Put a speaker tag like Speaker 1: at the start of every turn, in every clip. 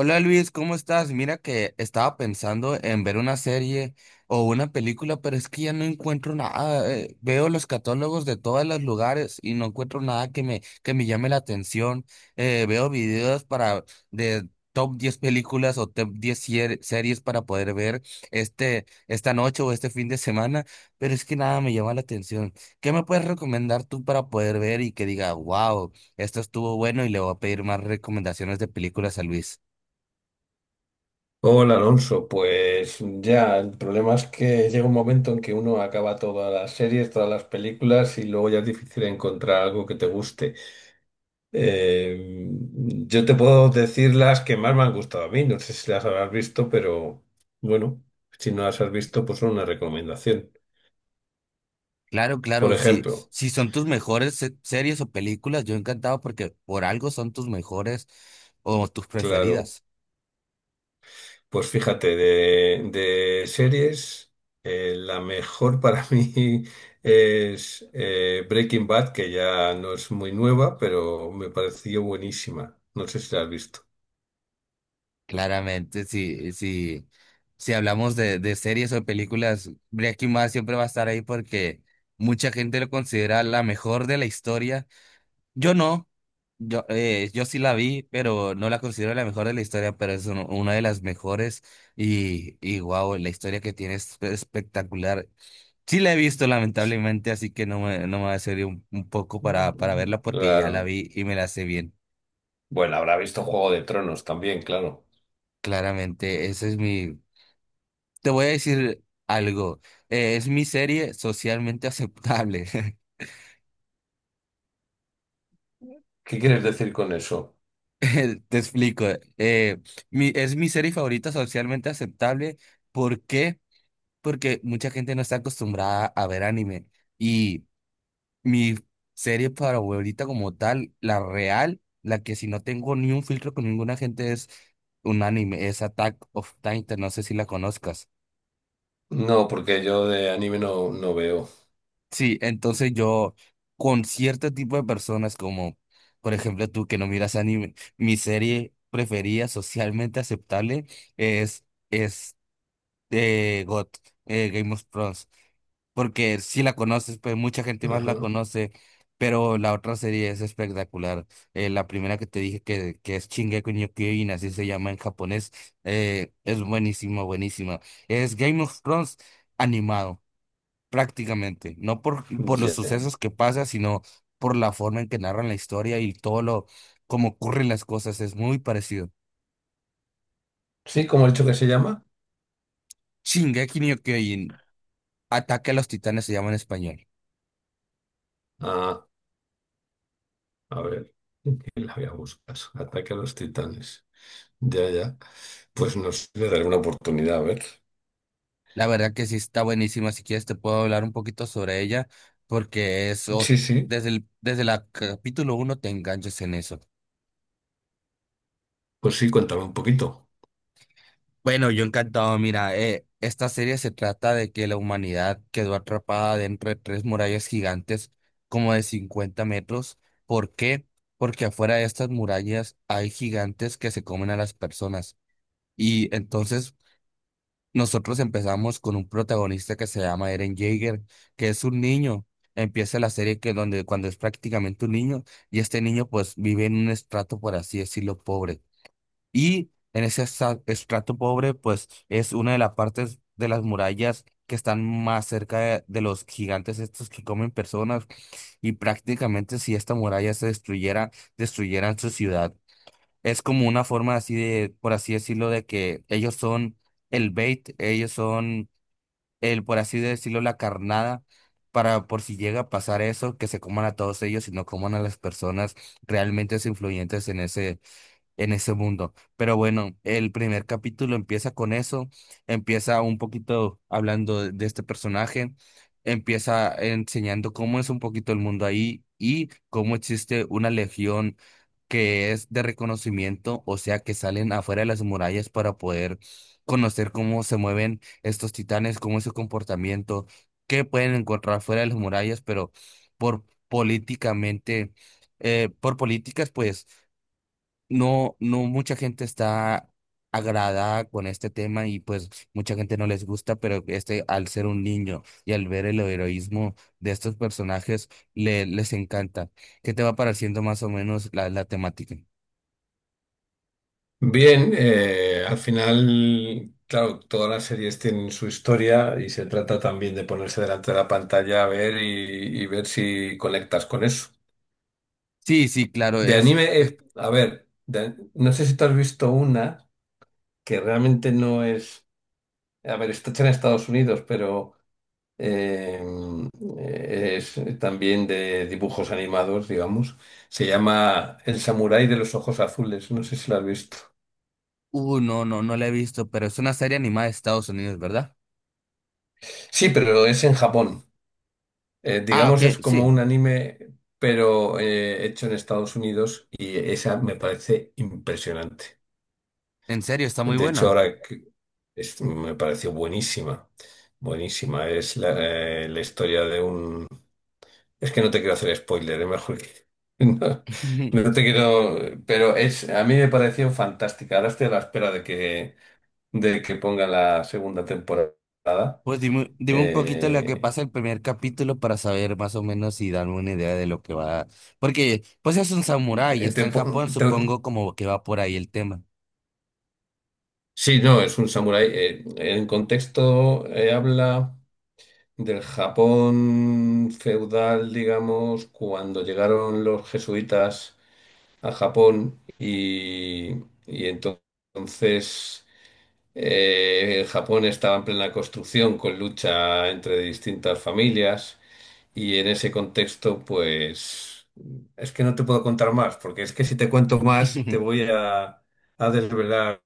Speaker 1: Hola Luis, ¿cómo estás? Mira que estaba pensando en ver una serie o una película, pero es que ya no encuentro nada. Veo los catálogos de todos los lugares y no encuentro nada que me llame la atención. Veo videos para de top 10 películas o top 10 series para poder ver esta noche o este fin de semana, pero es que nada me llama la atención. ¿Qué me puedes recomendar tú para poder ver y que diga, wow, esto estuvo bueno y le voy a pedir más recomendaciones de películas a Luis?
Speaker 2: Hola Alonso, pues ya, el problema es que llega un momento en que uno acaba todas las series, todas las películas y luego ya es difícil encontrar algo que te guste. Eh, yo te puedo decir las que más me han gustado a mí, no sé si las habrás visto, pero bueno, si no las has visto, pues son una recomendación.
Speaker 1: Claro,
Speaker 2: Por
Speaker 1: claro, si,
Speaker 2: ejemplo,
Speaker 1: si son tus mejores series o películas, yo encantado porque por algo son tus mejores o tus
Speaker 2: claro.
Speaker 1: preferidas.
Speaker 2: Pues fíjate, de series, la mejor para mí es Breaking Bad, que ya no es muy nueva, pero me pareció buenísima. No sé si la has visto.
Speaker 1: Claramente, si hablamos de series o películas, Breaking Bad siempre va a estar ahí porque mucha gente lo considera la mejor de la historia. Yo no, yo sí la vi, pero no la considero la mejor de la historia, pero es una de las mejores y wow, la historia que tiene es espectacular. Sí la he visto lamentablemente, así que no me va a servir un poco para
Speaker 2: Mm.
Speaker 1: verla porque ya la
Speaker 2: Claro.
Speaker 1: vi y me la sé bien.
Speaker 2: Bueno, habrá visto Juego de Tronos también, claro.
Speaker 1: Claramente, ese es mi... Te voy a decir algo. Es mi serie socialmente aceptable.
Speaker 2: ¿Qué quieres decir con eso?
Speaker 1: Te explico. eh, es mi serie favorita socialmente aceptable. ¿Por qué? Porque mucha gente no está acostumbrada a ver anime. Y mi serie para favorita como tal, la real, la que si no tengo ni un filtro con ninguna gente es un anime, es Attack of Titan, no sé si la conozcas.
Speaker 2: No, porque yo de anime no veo.
Speaker 1: Sí, entonces yo con cierto tipo de personas como, por ejemplo, tú que no miras anime, mi serie preferida socialmente aceptable es, es GOT, Game of Thrones. Porque si la conoces, pues mucha gente más
Speaker 2: Ajá.
Speaker 1: la conoce, pero la otra serie es espectacular. La primera que te dije que es Shingeki no Kyojin, así se llama en japonés, es buenísima, buenísima. Es Game of Thrones animado, prácticamente, no por los
Speaker 2: Ya.
Speaker 1: sucesos que pasa, sino por la forma en que narran la historia y todo lo, cómo ocurren las cosas, es muy parecido.
Speaker 2: Sí, ¿cómo he dicho que se llama?
Speaker 1: Shingeki no Kyojin, Ataque a los Titanes se llama en español.
Speaker 2: Ah, a ver. La voy a buscar. Ataque a los titanes. Ya, ya. Pues no sé, le daré una oportunidad, a ver.
Speaker 1: La verdad que sí está buenísima. Si quieres te puedo hablar un poquito sobre ella, porque eso,
Speaker 2: Sí, sí,
Speaker 1: desde el, desde la capítulo uno te enganchas en eso.
Speaker 2: pues sí, cuéntame un poquito.
Speaker 1: Bueno, yo encantado. Mira, esta serie se trata de que la humanidad quedó atrapada dentro de tres murallas gigantes, como de 50 metros. ¿Por qué? Porque afuera de estas murallas hay gigantes que se comen a las personas. Y entonces nosotros empezamos con un protagonista que se llama Eren Jaeger, que es un niño. Empieza la serie que donde cuando es prácticamente un niño y este niño pues vive en un estrato, por así decirlo, pobre. Y en ese estrato pobre pues es una de las partes de las murallas que están más cerca de los gigantes estos que comen personas y prácticamente si esta muralla se destruyera, destruyeran su ciudad. Es como una forma así de, por así decirlo, de que ellos son el bait, ellos son el, por así decirlo, la carnada para por si llega a pasar eso, que se coman a todos ellos y no coman a las personas realmente influyentes en ese mundo. Pero bueno, el primer capítulo empieza con eso, empieza un poquito hablando de este personaje, empieza enseñando cómo es un poquito el mundo ahí y cómo existe una legión que es de reconocimiento, o sea, que salen afuera de las murallas para poder conocer cómo se mueven estos titanes, cómo es su comportamiento, qué pueden encontrar fuera de las murallas, pero por políticamente, por políticas, pues no mucha gente está agradada con este tema y pues mucha gente no les gusta, pero este al ser un niño y al ver el heroísmo de estos personajes les encanta. ¿Qué te va pareciendo más o menos la temática?
Speaker 2: Bien, al final, claro, todas las series tienen su historia y se trata también de ponerse delante de la pantalla a ver y ver si conectas con eso.
Speaker 1: Sí, sí, claro,
Speaker 2: De anime,
Speaker 1: es,
Speaker 2: a ver, no sé si tú has visto una que realmente no es, a ver, está hecha en Estados Unidos, pero... em, es también de dibujos animados, digamos. Se llama El Samurái de los Ojos Azules, no sé si lo has visto.
Speaker 1: no, no, no la he visto, pero es una serie animada de Estados Unidos, ¿verdad?
Speaker 2: Sí, pero es en Japón.
Speaker 1: Ah, ok,
Speaker 2: Digamos, es como
Speaker 1: sí,
Speaker 2: un anime, pero hecho en Estados Unidos y esa me parece impresionante.
Speaker 1: en serio, está muy
Speaker 2: De hecho,
Speaker 1: buena.
Speaker 2: me pareció buenísima, buenísima. Es la, la historia de un... Es que no te quiero hacer spoiler, es mejor que... No, no te quiero... Pero es, a mí me pareció fantástica. Ahora estoy a la espera de que pongan la segunda temporada.
Speaker 1: Pues dime un poquito lo que
Speaker 2: Eh,
Speaker 1: pasa el primer capítulo para saber más o menos y darme una idea de lo que va. Porque pues es un samurái y
Speaker 2: eh, te
Speaker 1: está en
Speaker 2: po-
Speaker 1: Japón,
Speaker 2: te-
Speaker 1: supongo como que va por ahí el tema.
Speaker 2: Sí, no, es un samurái. En contexto, habla del Japón feudal, digamos, cuando llegaron los jesuitas a Japón y entonces... en Japón estaba en plena construcción con lucha entre distintas familias y en ese contexto, pues es que no te puedo contar más, porque es que si te cuento más te voy a desvelar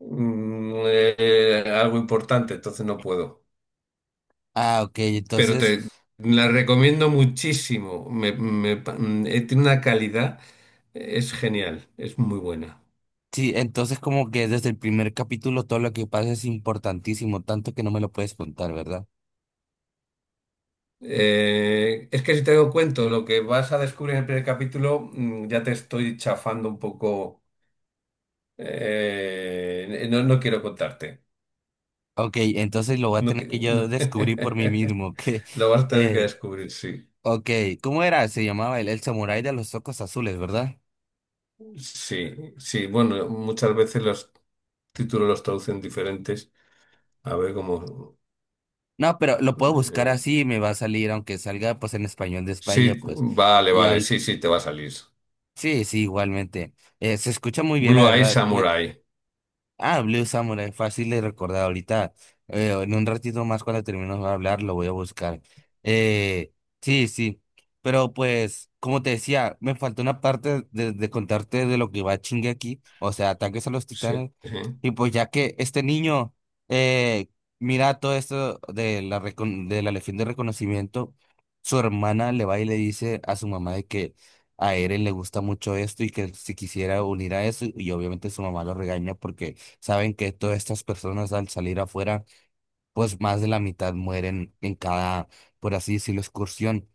Speaker 2: algo importante, entonces no puedo.
Speaker 1: Ah, ok,
Speaker 2: Pero
Speaker 1: entonces,
Speaker 2: te la recomiendo muchísimo, tiene una calidad, es genial, es muy buena.
Speaker 1: sí, entonces como que desde el primer capítulo todo lo que pasa es importantísimo, tanto que no me lo puedes contar, ¿verdad?
Speaker 2: Es que si te doy cuento lo que vas a descubrir en el primer capítulo, ya te estoy chafando un poco. No, no quiero contarte.
Speaker 1: Ok, entonces lo voy a
Speaker 2: No,
Speaker 1: tener que
Speaker 2: no.
Speaker 1: yo descubrir por mí mismo, que,
Speaker 2: Lo vas a tener que
Speaker 1: eh,
Speaker 2: descubrir, sí.
Speaker 1: ok, ¿cómo era? Se llamaba el samurái de los ojos azules, ¿verdad?
Speaker 2: Sí, sí. Bueno, muchas veces los títulos los traducen diferentes. A ver cómo.
Speaker 1: No, pero lo puedo buscar
Speaker 2: eh,
Speaker 1: así, me va a salir, aunque salga pues en español de España,
Speaker 2: sí,
Speaker 1: pues
Speaker 2: vale,
Speaker 1: ya,
Speaker 2: vale, sí, sí, te va a salir.
Speaker 1: sí, sí, igualmente. Se escucha muy bien, la
Speaker 2: Blue Eye
Speaker 1: verdad.
Speaker 2: Samurai.
Speaker 1: Ah, Blue Samurai, fácil de recordar ahorita. En un ratito más cuando terminemos de hablar lo voy a buscar. Eh, sí, sí. Pero pues, como te decía, me faltó una parte de contarte de lo que va chingue aquí, o sea, ataques a los
Speaker 2: Sí,
Speaker 1: titanes.
Speaker 2: sí.
Speaker 1: Y pues ya que este niño eh, mira todo esto de la Legión de Reconocimiento, su hermana le va y le dice a su mamá de que a Eren le gusta mucho esto y que si quisiera unir a eso, y obviamente su mamá lo regaña porque saben que todas estas personas al salir afuera, pues más de la mitad mueren en cada, por así decirlo, excursión.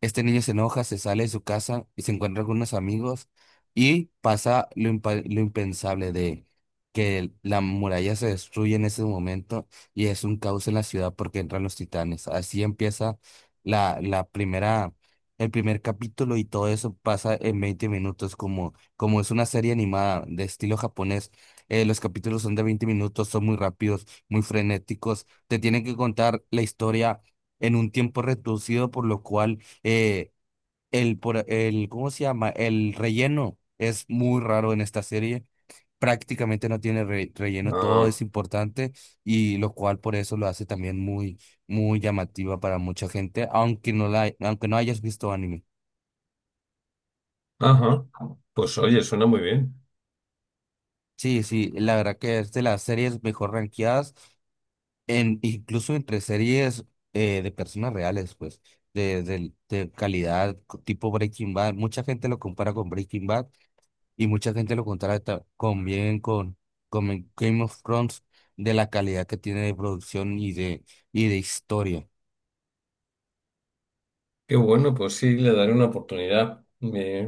Speaker 1: Este niño se enoja, se sale de su casa y se encuentra con unos amigos y pasa lo impensable de que la muralla se destruye en ese momento y es un caos en la ciudad porque entran los titanes. Así empieza la, la primera, el primer capítulo y todo eso pasa en 20 minutos como es una serie animada de estilo japonés. Los capítulos son de 20 minutos, son muy rápidos, muy frenéticos. Te tienen que contar la historia en un tiempo reducido, por lo cual eh, ¿cómo se llama? El relleno es muy raro en esta serie. Prácticamente no tiene relleno, todo
Speaker 2: Ah,
Speaker 1: es importante y lo cual por eso lo hace también muy, muy llamativa para mucha gente, aunque no hayas visto anime.
Speaker 2: ajá. Pues oye, suena muy bien.
Speaker 1: Sí, sí, la verdad que es de las series mejor rankeadas, incluso entre series de personas reales, pues, de calidad, tipo Breaking Bad. Mucha gente lo compara con Breaking Bad y mucha gente lo contrata con bien con Game of Thrones de la calidad que tiene de producción y de historia.
Speaker 2: Qué bueno, pues sí, le daré una oportunidad.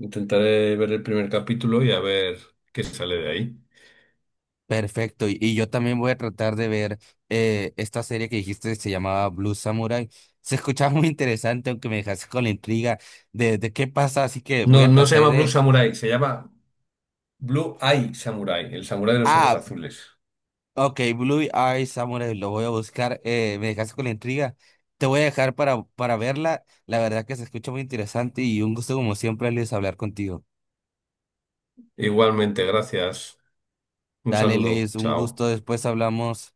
Speaker 2: Intentaré ver el primer capítulo y a ver qué sale de ahí.
Speaker 1: Perfecto. Y yo también voy a tratar de ver esta serie que dijiste se llamaba Blue Samurai. Se escuchaba muy interesante, aunque me dejaste con la intriga de qué pasa, así que voy
Speaker 2: No,
Speaker 1: a
Speaker 2: no se
Speaker 1: tratar
Speaker 2: llama Blue
Speaker 1: de...
Speaker 2: Samurai, se llama Blue Eye Samurai, el samurái de los ojos
Speaker 1: Ah,
Speaker 2: azules.
Speaker 1: ok, Blue Eye Samurai, lo voy a buscar. Me dejaste con la intriga. Te voy a dejar para verla. La verdad que se escucha muy interesante y un gusto como siempre, Luis, hablar contigo.
Speaker 2: Igualmente, gracias. Un
Speaker 1: Dale
Speaker 2: saludo,
Speaker 1: Luis, un
Speaker 2: chao.
Speaker 1: gusto. Después hablamos.